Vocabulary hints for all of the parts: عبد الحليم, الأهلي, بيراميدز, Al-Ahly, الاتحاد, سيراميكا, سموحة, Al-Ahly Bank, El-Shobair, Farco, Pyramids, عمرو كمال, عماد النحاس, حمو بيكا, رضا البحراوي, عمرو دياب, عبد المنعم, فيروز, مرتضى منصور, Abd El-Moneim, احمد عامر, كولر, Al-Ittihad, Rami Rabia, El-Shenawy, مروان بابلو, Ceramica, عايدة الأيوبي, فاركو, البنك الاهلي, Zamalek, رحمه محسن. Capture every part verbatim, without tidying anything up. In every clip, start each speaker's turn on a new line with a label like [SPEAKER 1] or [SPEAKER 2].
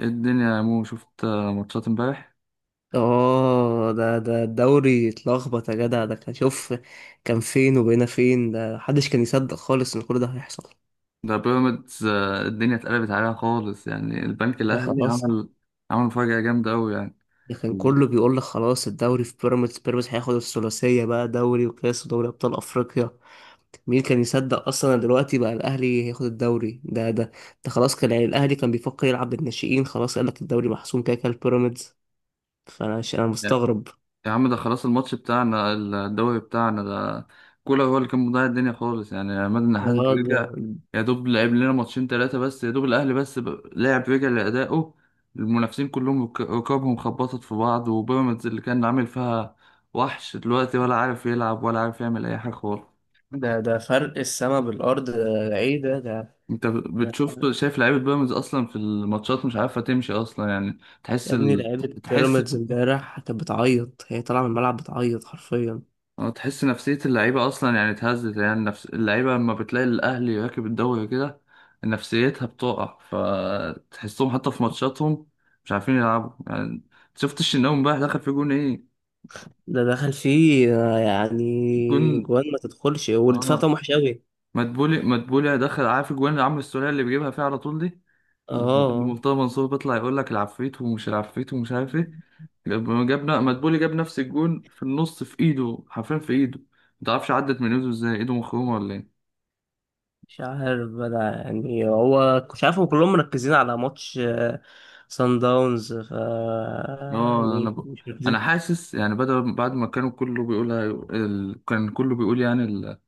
[SPEAKER 1] إيه الدنيا يا مو شفت آه، ماتشات امبارح؟
[SPEAKER 2] اه ده ده الدوري اتلخبط يا جدع. ده كان شوف كان فين وبقينا فين. ده محدش كان يصدق خالص ان كل ده هيحصل.
[SPEAKER 1] ده بيراميدز، آه، الدنيا اتقلبت عليها خالص، يعني البنك
[SPEAKER 2] ده
[SPEAKER 1] الاهلي
[SPEAKER 2] خلاص.
[SPEAKER 1] عمل عمل مفاجأة جامدة قوي يعني.
[SPEAKER 2] ده كان
[SPEAKER 1] ال-
[SPEAKER 2] كله بيقول لك خلاص الدوري في بيراميدز، بيراميدز هياخد الثلاثية بقى، دوري وكاس ودوري ابطال افريقيا. مين كان يصدق اصلا إن دلوقتي بقى الاهلي هياخد الدوري؟ ده ده ده خلاص. كان يعني الاهلي كان بيفكر يلعب بالناشئين، خلاص قال لك الدوري محسوم كده كده لبيراميدز. فانا ش- انا
[SPEAKER 1] يا
[SPEAKER 2] مستغرب.
[SPEAKER 1] يا عم، ده خلاص، الماتش بتاعنا الدوري بتاعنا ده. كولر هو اللي كان مضيع الدنيا خالص يعني. عماد النحاس
[SPEAKER 2] ده
[SPEAKER 1] رجع،
[SPEAKER 2] ده
[SPEAKER 1] يا دوب لعب لنا ماتشين ثلاثة بس. يا دوب الاهلي بس ب- لعب، رجع لأدائه. المنافسين كلهم رك- ركابهم خبطت في بعض، وبيراميدز اللي كان عامل فيها وحش دلوقتي ولا عارف يلعب ولا عارف يعمل اي حاجة خالص.
[SPEAKER 2] ده ده فرق السما بالارض. ده ده ايه ده ده
[SPEAKER 1] انت بتشوف، شايف لعيبه بيراميدز اصلا في الماتشات مش عارفه تمشي اصلا يعني. تحس
[SPEAKER 2] يا ابني
[SPEAKER 1] ال...
[SPEAKER 2] لعيبة
[SPEAKER 1] تحس
[SPEAKER 2] بيراميدز امبارح كانت بتعيط، هي طالعة من الملعب بتعيط حرفيا.
[SPEAKER 1] اه تحس نفسيه اللعيبه اصلا يعني اتهزت، يعني نفس اللعيبه لما بتلاقي الاهلي راكب الدوري كده نفسيتها بتقع، فتحسهم حتى في ماتشاتهم مش عارفين يلعبوا يعني. شفت الشناوي امبارح دخل في جون ايه؟
[SPEAKER 2] ده دخل فيه آه، يعني
[SPEAKER 1] جون.
[SPEAKER 2] جوان ما تدخلش والدفاع
[SPEAKER 1] اه،
[SPEAKER 2] بتاعهم وحش أوي.
[SPEAKER 1] مدبولي مدبولي دخل، عارف الجوان اللي عمرو السولية اللي بيجيبها فيها على طول دي؟ لما
[SPEAKER 2] اه
[SPEAKER 1] مرتضى منصور بيطلع يقول لك العفريت ومش العفريت ومش عارف ايه، لما جابنا مدبولي جاب نفس الجون في النص، في ايده حرفيا، في ايده. ما تعرفش عدت من ايده ازاي، ايده مخرومه ولا ايه؟
[SPEAKER 2] مش عارف بقى، يعني هو مش عارف، هم كلهم مركزين على ماتش آه، سان داونز ف آه،
[SPEAKER 1] اه انا
[SPEAKER 2] يعني
[SPEAKER 1] ب...
[SPEAKER 2] مش
[SPEAKER 1] انا
[SPEAKER 2] مركزين.
[SPEAKER 1] حاسس يعني، بدل بعد ما كانوا كله بيقول هي- ال... كان كله بيقول يعني ال-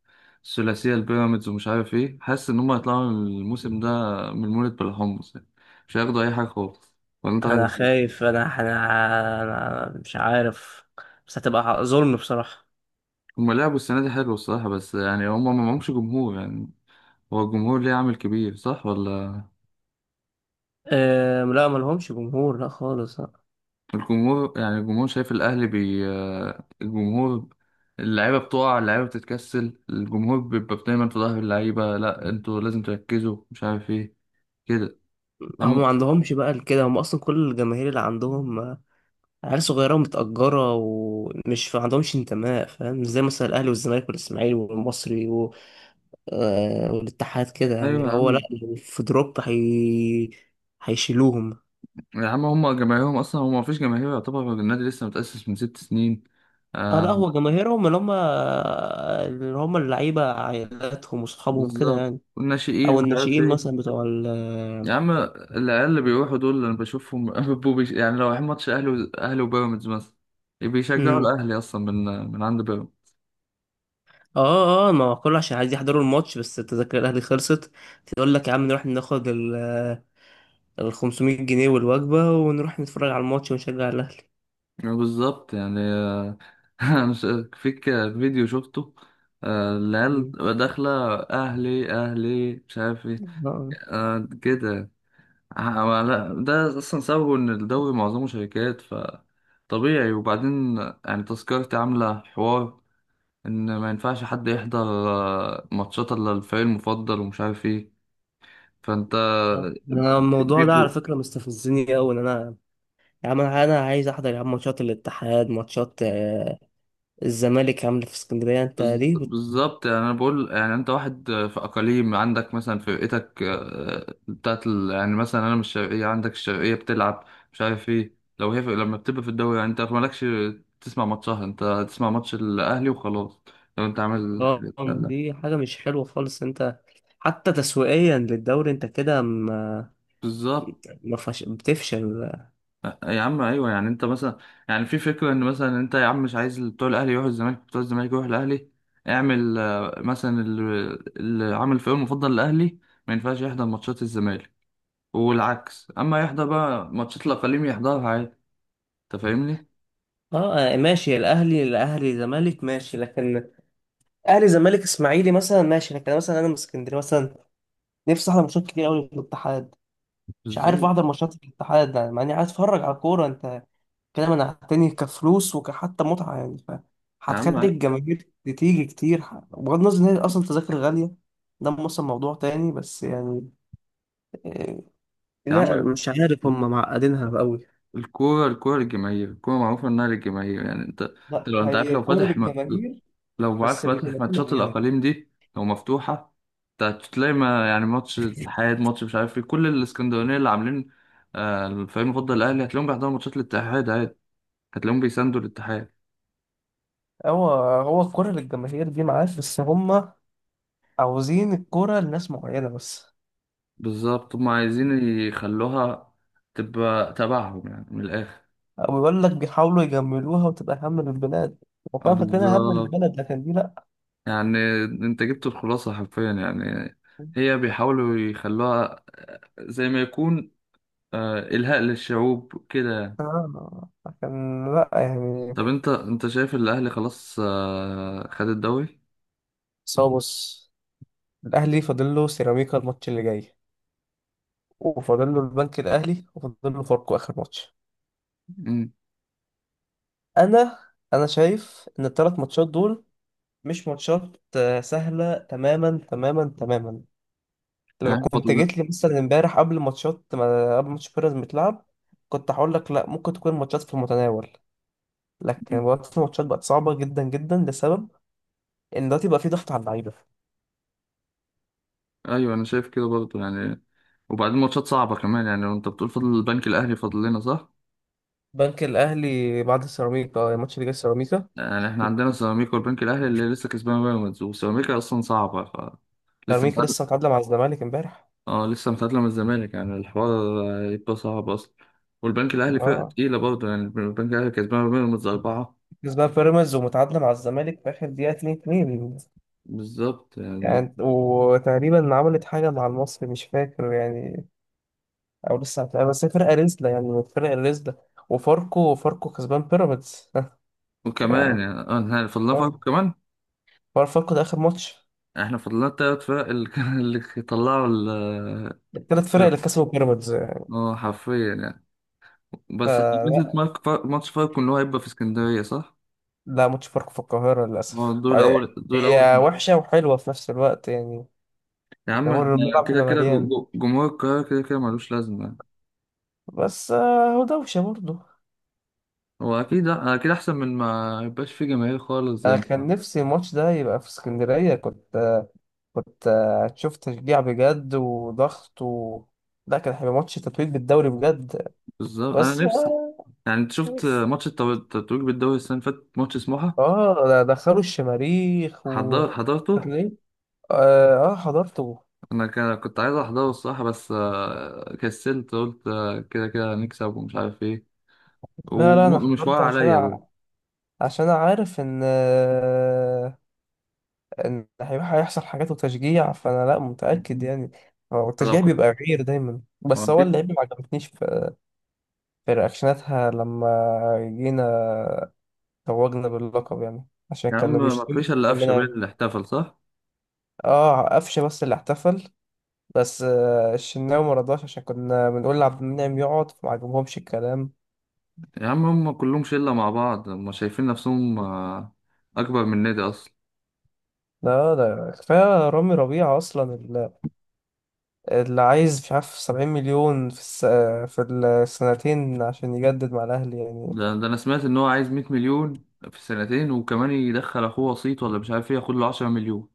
[SPEAKER 1] الثلاثيه البيراميدز ومش عارف ايه، حاسس ان هم هيطلعوا الموسم ده من مولد بالحمص يعني. مش هياخدوا اي حاجه خالص. ولا انت
[SPEAKER 2] انا
[SPEAKER 1] رأيك إيه؟
[SPEAKER 2] خايف، انا انا أنا مش عارف، بس هتبقى ظلم بصراحة.
[SPEAKER 1] هم لعبوا السنه دي حلو الصراحه، بس يعني هم ما معهمش جمهور يعني. هو الجمهور ليه عامل كبير صح ولا؟
[SPEAKER 2] أه لا، ملهمش جمهور، لا خالص.
[SPEAKER 1] الجمهور، يعني الجمهور شايف الأهلي، بي آه، الجمهور اللعيبة بتقع، اللعيبة بتتكسل، الجمهور بيبقى دايما في ظهر اللعيبة، لا انتوا لازم تركزوا مش عارف ايه كده.
[SPEAKER 2] هم ما
[SPEAKER 1] أما
[SPEAKER 2] عندهمش بقى كده. هم اصلا كل الجماهير اللي عندهم آه، عيال صغيره ومتاجره، ومش ما عندهمش انتماء، فاهم؟ زي مثلا الاهلي والزمالك والاسماعيلي والمصري و... آه، والاتحاد كده، يعني
[SPEAKER 1] أيوة
[SPEAKER 2] اللي
[SPEAKER 1] يا
[SPEAKER 2] هو لا،
[SPEAKER 1] عم،
[SPEAKER 2] لو في دروب هي... هيشيلوهم.
[SPEAKER 1] يا عم هما جماهيرهم أصلا، هما مفيش جماهير، يعتبر النادي لسه متأسس من ست سنين.
[SPEAKER 2] اه لا،
[SPEAKER 1] آه.
[SPEAKER 2] هو جماهيرهم اللي هم اللي هم اللعيبه، عائلاتهم واصحابهم كده
[SPEAKER 1] بالظبط،
[SPEAKER 2] يعني.
[SPEAKER 1] والناشئين
[SPEAKER 2] او
[SPEAKER 1] مش عارف
[SPEAKER 2] الناشئين مثلا
[SPEAKER 1] ايه.
[SPEAKER 2] بتوع
[SPEAKER 1] يا
[SPEAKER 2] ال...
[SPEAKER 1] عم العيال اللي بيروحوا دول اللي انا بشوفهم بيبقوا بيش... يعني لو رايحين ماتش اهلي و... اهلي وبيراميدز مثلا بيشجعوا
[SPEAKER 2] مم.
[SPEAKER 1] الاهلي اصلا من من عند بيراميدز.
[SPEAKER 2] اه اه، ما هو كله عشان عايز يحضروا الماتش، بس التذاكر الاهلي خلصت. تقول لك يا عم نروح ناخد ال خمسمية جنيه والوجبة ونروح نتفرج على الماتش ونشجع الأهلي.
[SPEAKER 1] بالظبط يعني. آه، أنا مش فيك فيديو شفته، آه، العيال
[SPEAKER 2] مم.
[SPEAKER 1] داخله اهلي اهلي مش عارف ايه
[SPEAKER 2] آه.
[SPEAKER 1] آه، كده. آه، لا، ده اصلا سببه ان الدوري معظمه شركات، فطبيعي. وبعدين يعني تذكرتي عامله حوار ان ما ينفعش حد يحضر آه، ماتشات الا الفريق المفضل ومش عارف ايه. فانت
[SPEAKER 2] آه. أنا الموضوع ده
[SPEAKER 1] بيبقوا
[SPEAKER 2] على فكرة مستفزني أوي، إن أنا يا عم أنا أنا عايز أحضر، يا عم، ماتشات الاتحاد، ماتشات آه، الزمالك، عاملة في اسكندرية. أنت
[SPEAKER 1] بز-
[SPEAKER 2] ليه بت...؟
[SPEAKER 1] بالظبط يعني. انا بقول يعني انت واحد آه، في اقاليم، عندك مثلا فرقتك آه، بتاعت ال... يعني مثلا انا من الشرقيه، عندك الشرقيه بتلعب مش عارف ايه، لو هي في... لما بتبقى في الدوري يعني انت مالكش تسمع ماتشها، انت تسمع ماتش الاهلي وخلاص لو انت عامل
[SPEAKER 2] آه،
[SPEAKER 1] الحاجات دي.
[SPEAKER 2] دي حاجة مش حلوة خالص. أنت حتى تسويقيا للدوري، أنت كده ما
[SPEAKER 1] بالظبط.
[SPEAKER 2] ما فش... بتفشل.
[SPEAKER 1] يا عم ايوه، يعني انت مثلا يعني في فكره ان مثلا انت يا عم مش عايز بتوع الاهلي يروحوا الزمالك، بتوع الزمالك يروحوا الاهلي، اعمل آه، مثلا ال- اللي عامل فريق مفضل الاهلي ما ينفعش يحضر ماتشات الزمالك والعكس، اما يحضر بقى ماتشات الاقاليم يحضرها عادي. انت فاهمني
[SPEAKER 2] اه آه، ماشي، الاهلي الاهلي زمالك ماشي، لكن اهلي زمالك اسماعيلي مثلا ماشي، لكن مثلا انا من اسكندريه مثلا، نفسي احضر ماتشات كتير قوي في الاتحاد. مش عارف
[SPEAKER 1] ازاي؟
[SPEAKER 2] احضر ماتشات الاتحاد، يعني مع اني عايز اتفرج على كوره. انت كلام انا تاني، كفلوس وكحتى متعه، يعني ف
[SPEAKER 1] يا عم،
[SPEAKER 2] هتخلي
[SPEAKER 1] يا
[SPEAKER 2] الجماهير تيجي كتير. ح- بغض النظر ان هي اصلا تذاكر غاليه، ده مثلا موضوع تاني، بس يعني آه،
[SPEAKER 1] عم
[SPEAKER 2] لا،
[SPEAKER 1] ال-
[SPEAKER 2] مش عارف، هم معقدينها قوي.
[SPEAKER 1] الكوره الكوره للجماهير، الكوره معروفه انها للجماهير. يعني انت، انت
[SPEAKER 2] لا،
[SPEAKER 1] لو انت عارف،
[SPEAKER 2] هي
[SPEAKER 1] لو
[SPEAKER 2] كوره
[SPEAKER 1] فاتح م-
[SPEAKER 2] للجماهير،
[SPEAKER 1] لو عارف
[SPEAKER 2] بس
[SPEAKER 1] فاتح
[SPEAKER 2] لجماهير
[SPEAKER 1] ماتشات
[SPEAKER 2] معينه.
[SPEAKER 1] الأقاليم دي، لو مفتوحة ت- تلاقي ما يعني ماتش اتحاد، ماتش مش عارف ايه، كل الاسكندرانية اللي عاملين آه، الفريق المفضل الأهلي هتلاقيهم بيحضروا ماتشات الاتحاد عادي، هتلاقيهم بيساندوا الاتحاد.
[SPEAKER 2] هو هو الكوره للجماهير دي معاك، بس هم عاوزين الكوره لناس معينه بس.
[SPEAKER 1] بالظبط، هما عايزين يخلوها تبقى تبعهم يعني من الآخر.
[SPEAKER 2] او يقول لك بيحاولوا يجملوها، وتبقى هم للبلاد
[SPEAKER 1] آه،
[SPEAKER 2] وكان فاكرينها هم
[SPEAKER 1] بالظبط
[SPEAKER 2] للبلد، لكن دي لا.
[SPEAKER 1] يعني، انت جبت الخلاصة حرفيا يعني. هي بيحاولوا يخلوها زي ما يكون آه، إلهاء للشعوب كده يعني.
[SPEAKER 2] آه، كان لا يعني.
[SPEAKER 1] طب انت، انت شايف ان الاهلي خلاص آه، خد الدوري.
[SPEAKER 2] بس هو بص، الأهلي فاضل له سيراميكا الماتش اللي جاي، وفاضل له البنك الأهلي، وفاضل له فاركو آخر ماتش.
[SPEAKER 1] مم.
[SPEAKER 2] أنا أنا شايف إن الثلاث ماتشات دول مش ماتشات آه، سهلة، تماما تماما تماما. لو
[SPEAKER 1] يعني
[SPEAKER 2] كنت
[SPEAKER 1] فاضل.
[SPEAKER 2] جيت لي مثلا امبارح قبل ماتشات، ما قبل ماتش بيراميدز متلعب، كنت هقول لك لا، ممكن تكون ماتشات في المتناول. لكن
[SPEAKER 1] مم.
[SPEAKER 2] دلوقتي الماتشات بقت صعبة جدا جدا، لسبب إن دلوقتي بقى في ضغط على اللعيبة.
[SPEAKER 1] ايوه انا شايف كده برضه يعني. وبعدين ماتشات صعبه كمان يعني، وانت بتقول فاضل البنك الاهلي فاضل لنا صح؟
[SPEAKER 2] بنك الاهلي بعد سيراميكا، آه، الماتش اللي جاي سيراميكا
[SPEAKER 1] يعني احنا عندنا سيراميكا والبنك الاهلي اللي لسه كسبان بيراميدز، وسيراميكا اصلا صعبه، ف لسه
[SPEAKER 2] سيراميكا
[SPEAKER 1] متعادل.
[SPEAKER 2] لسه متعادله مع الزمالك امبارح.
[SPEAKER 1] اه لسه متعادله من الزمالك، يعني الحوار يبقى صعب اصلا. والبنك الاهلي فرقه
[SPEAKER 2] اه،
[SPEAKER 1] تقيله برضه يعني، البنك الاهلي كسبان بيراميدز اربعه.
[SPEAKER 2] كسبان بيراميدز ومتعادله مع الزمالك في اخر دقيقه، اتنين اتنين.
[SPEAKER 1] بالظبط يعني.
[SPEAKER 2] يعني وتقريبا عملت حاجه مع المصري، مش فاكر يعني. او لسه هتلاقي، بس هي فرقه رزله، يعني فرقه رزله. وفاركو، فاركو كسبان بيراميدز يعني
[SPEAKER 1] وكمان يعني اه فاضل لنا
[SPEAKER 2] آه.
[SPEAKER 1] فرق كمان.
[SPEAKER 2] فار- فاركو ده اخر ماتش.
[SPEAKER 1] احنا فضلنا التلات فرق اللي كان اللي طلعوا ال
[SPEAKER 2] الثلاث فرق اللي كسبوا بيراميدز.
[SPEAKER 1] اه حرفيا يعني. بس ميزة
[SPEAKER 2] فلا،
[SPEAKER 1] مارك فار... ماتش فاركو ان هو هيبقى في اسكندرية صح؟
[SPEAKER 2] لا، ماتش فاركو في القاهره
[SPEAKER 1] هو
[SPEAKER 2] للاسف.
[SPEAKER 1] الدور
[SPEAKER 2] وبعدين
[SPEAKER 1] الأول، الدور
[SPEAKER 2] هي
[SPEAKER 1] الأول.
[SPEAKER 2] وحشه وحلوه في نفس الوقت يعني،
[SPEAKER 1] يا عم
[SPEAKER 2] دور
[SPEAKER 1] احنا
[SPEAKER 2] الملعب
[SPEAKER 1] كده
[SPEAKER 2] هيبقى
[SPEAKER 1] كده جو-
[SPEAKER 2] مليان.
[SPEAKER 1] جو- جمهور القاهرة كده كده ملوش لازمة يعني.
[SPEAKER 2] بس آه، هو دوشة برضه.
[SPEAKER 1] هو أكيد أكيد أحسن من ما يبقاش فيه جماهير خالص زي
[SPEAKER 2] أنا
[SPEAKER 1] ما-
[SPEAKER 2] كان نفسي الماتش ده يبقى في اسكندرية. كنت آه، كنت آه، هتشوف تشجيع بجد وضغط و... لا، كان هيبقى ماتش تتويج بالدوري بجد.
[SPEAKER 1] بالظبط أنا
[SPEAKER 2] بس
[SPEAKER 1] نفسي.
[SPEAKER 2] آه
[SPEAKER 1] يعني أنت شفت
[SPEAKER 2] بس
[SPEAKER 1] ماتش التو- التتويج بالدوري السنة اللي فاتت ماتش سموحة؟
[SPEAKER 2] آه، ده دخلوا الشماريخ و...
[SPEAKER 1] حضر... حضرته؟
[SPEAKER 2] ليه؟ آه، آه، حضرته.
[SPEAKER 1] أنا كان- كنت عايز أحضره الصراحة بس آه، كسلت، قلت آه، كده كده هنكسب ومش عارف إيه،
[SPEAKER 2] لا لا أنا
[SPEAKER 1] ومش واقع
[SPEAKER 2] حضرته عشان
[SPEAKER 1] عليا
[SPEAKER 2] أع...
[SPEAKER 1] جوه.
[SPEAKER 2] عشان أعرف إن آه، ان هيروح هيحصل حاجات وتشجيع، فانا لا متاكد يعني. هو
[SPEAKER 1] لو
[SPEAKER 2] التشجيع
[SPEAKER 1] كنت
[SPEAKER 2] بيبقى غير دايما، بس
[SPEAKER 1] ما
[SPEAKER 2] هو
[SPEAKER 1] جيت.
[SPEAKER 2] اللعيبه ما عجبتنيش في, في رياكشناتها لما جينا توجنا باللقب، يعني عشان
[SPEAKER 1] يا عم
[SPEAKER 2] كانوا
[SPEAKER 1] ما
[SPEAKER 2] بيشتموا
[SPEAKER 1] فيش الا قفشه بين
[SPEAKER 2] مننا.
[SPEAKER 1] اللي احتفل صح.
[SPEAKER 2] اه قفشه، بس اللي احتفل بس آه، الشناوي ما رضاش، عشان كنا بنقول لعبد المنعم يقعد، فما عجبهمش الكلام.
[SPEAKER 1] يا عم هم كلهم شله مع بعض، هم شايفين نفسهم آه، اكبر من النادي اصلا.
[SPEAKER 2] لا، ده كفاية رامي ربيعة أصلا، اللي اللي عايز مش عارف سبعين مليون في الس... في السنتين عشان يجدد مع الأهلي يعني.
[SPEAKER 1] ده, ده انا سمعت ان هو عايز 100 مليون في سنتين، وكمان يدخل اخوه وسيط ولا مش عارف ايه ياخد له 10 مليون،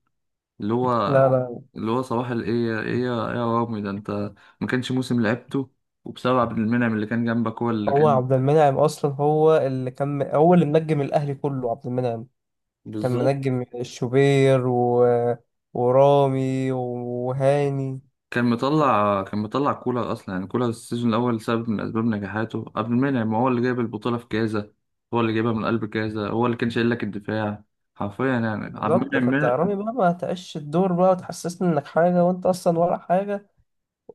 [SPEAKER 1] اللي هو،
[SPEAKER 2] لا لا،
[SPEAKER 1] اللي هو صباح الايه ايه ايه يا إيه، يا رامي ده انت ما كانش موسم لعبته وبسبب عبد المنعم اللي كان جنبك هو اللي
[SPEAKER 2] هو
[SPEAKER 1] كان.
[SPEAKER 2] عبد المنعم اصلا هو اللي كان، هو اللي منجم الاهلي كله، عبد المنعم. كان
[SPEAKER 1] بالظبط.
[SPEAKER 2] منجم الشوبير و... ورامي وهاني.
[SPEAKER 1] كان مطلع كان مطلع كولر اصلا يعني، كولر السيزون الاول سبب من اسباب نجاحاته قبل المنعم، ما هو اللي جايب البطوله في كازا، هو اللي جايبها من قلب كازا، هو اللي كان شايل لك الدفاع حرفيا يعني عبد
[SPEAKER 2] بالظبط،
[SPEAKER 1] المنعم
[SPEAKER 2] فانت يا
[SPEAKER 1] من-
[SPEAKER 2] رامي بقى، ما تعيش الدور بقى وتحسسني انك حاجه وانت اصلا ولا حاجه،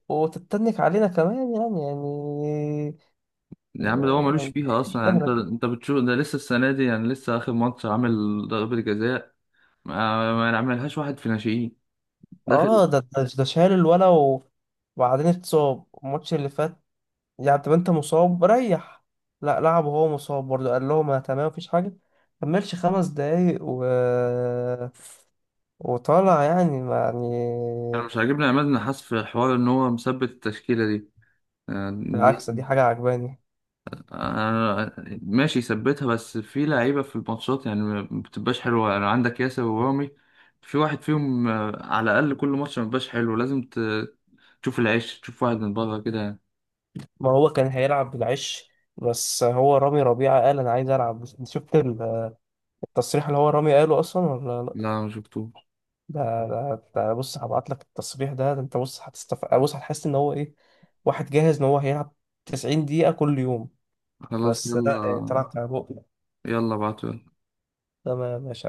[SPEAKER 2] وتتنك علينا كمان، يعني يعني
[SPEAKER 1] يا عم ده هو ملوش
[SPEAKER 2] يعني
[SPEAKER 1] فيها
[SPEAKER 2] مش
[SPEAKER 1] اصلا يعني، انت
[SPEAKER 2] اهلك.
[SPEAKER 1] انت بتشوف ده لسه السنه دي، يعني لسه اخر ماتش عامل ضربه جزاء، ما ما عملهاش واحد في ناشئين داخل.
[SPEAKER 2] اه ده ده ده شال الولا و... وبعدين اتصاب الماتش اللي فات، يعني طب انت مصاب ريح. لا، لعب وهو مصاب برضه، قال لهم انا تمام مفيش حاجه. كملش خمس دقايق و... وطالع يعني، ما يعني.
[SPEAKER 1] انا مش عاجبني عماد النحاس في حوار ان هو مثبت التشكيله دي يعني.
[SPEAKER 2] بالعكس دي حاجه عجباني.
[SPEAKER 1] أنا ماشي، ثبتها بس في لعيبة في الماتشات يعني ما بتبقاش حلوة، يعني عندك ياسر ورامي، في واحد فيهم آه، على الأقل كل ماتش ما بيبقاش حلو، لازم ت- تشوف العيش، تشوف واحد من بره كده يعني.
[SPEAKER 2] ما هو كان هيلعب بالعش، بس هو رامي ربيعه قال انا عايز العب. انت شفت ال- التصريح اللي هو رامي قاله اصلا، ولا لا؟
[SPEAKER 1] لا ما شفتوش.
[SPEAKER 2] ده ده, ده بص، هبعت لك التصريح. ده ده انت بص، هتستف، بص هتحس ان هو ايه، واحد جاهز ان هو هيلعب تسعين دقيقه كل يوم.
[SPEAKER 1] خلاص
[SPEAKER 2] بس لا
[SPEAKER 1] يلا.
[SPEAKER 2] يعني، طلع بتاع بقى.
[SPEAKER 1] يلا بعتوا.
[SPEAKER 2] تمام ماشي.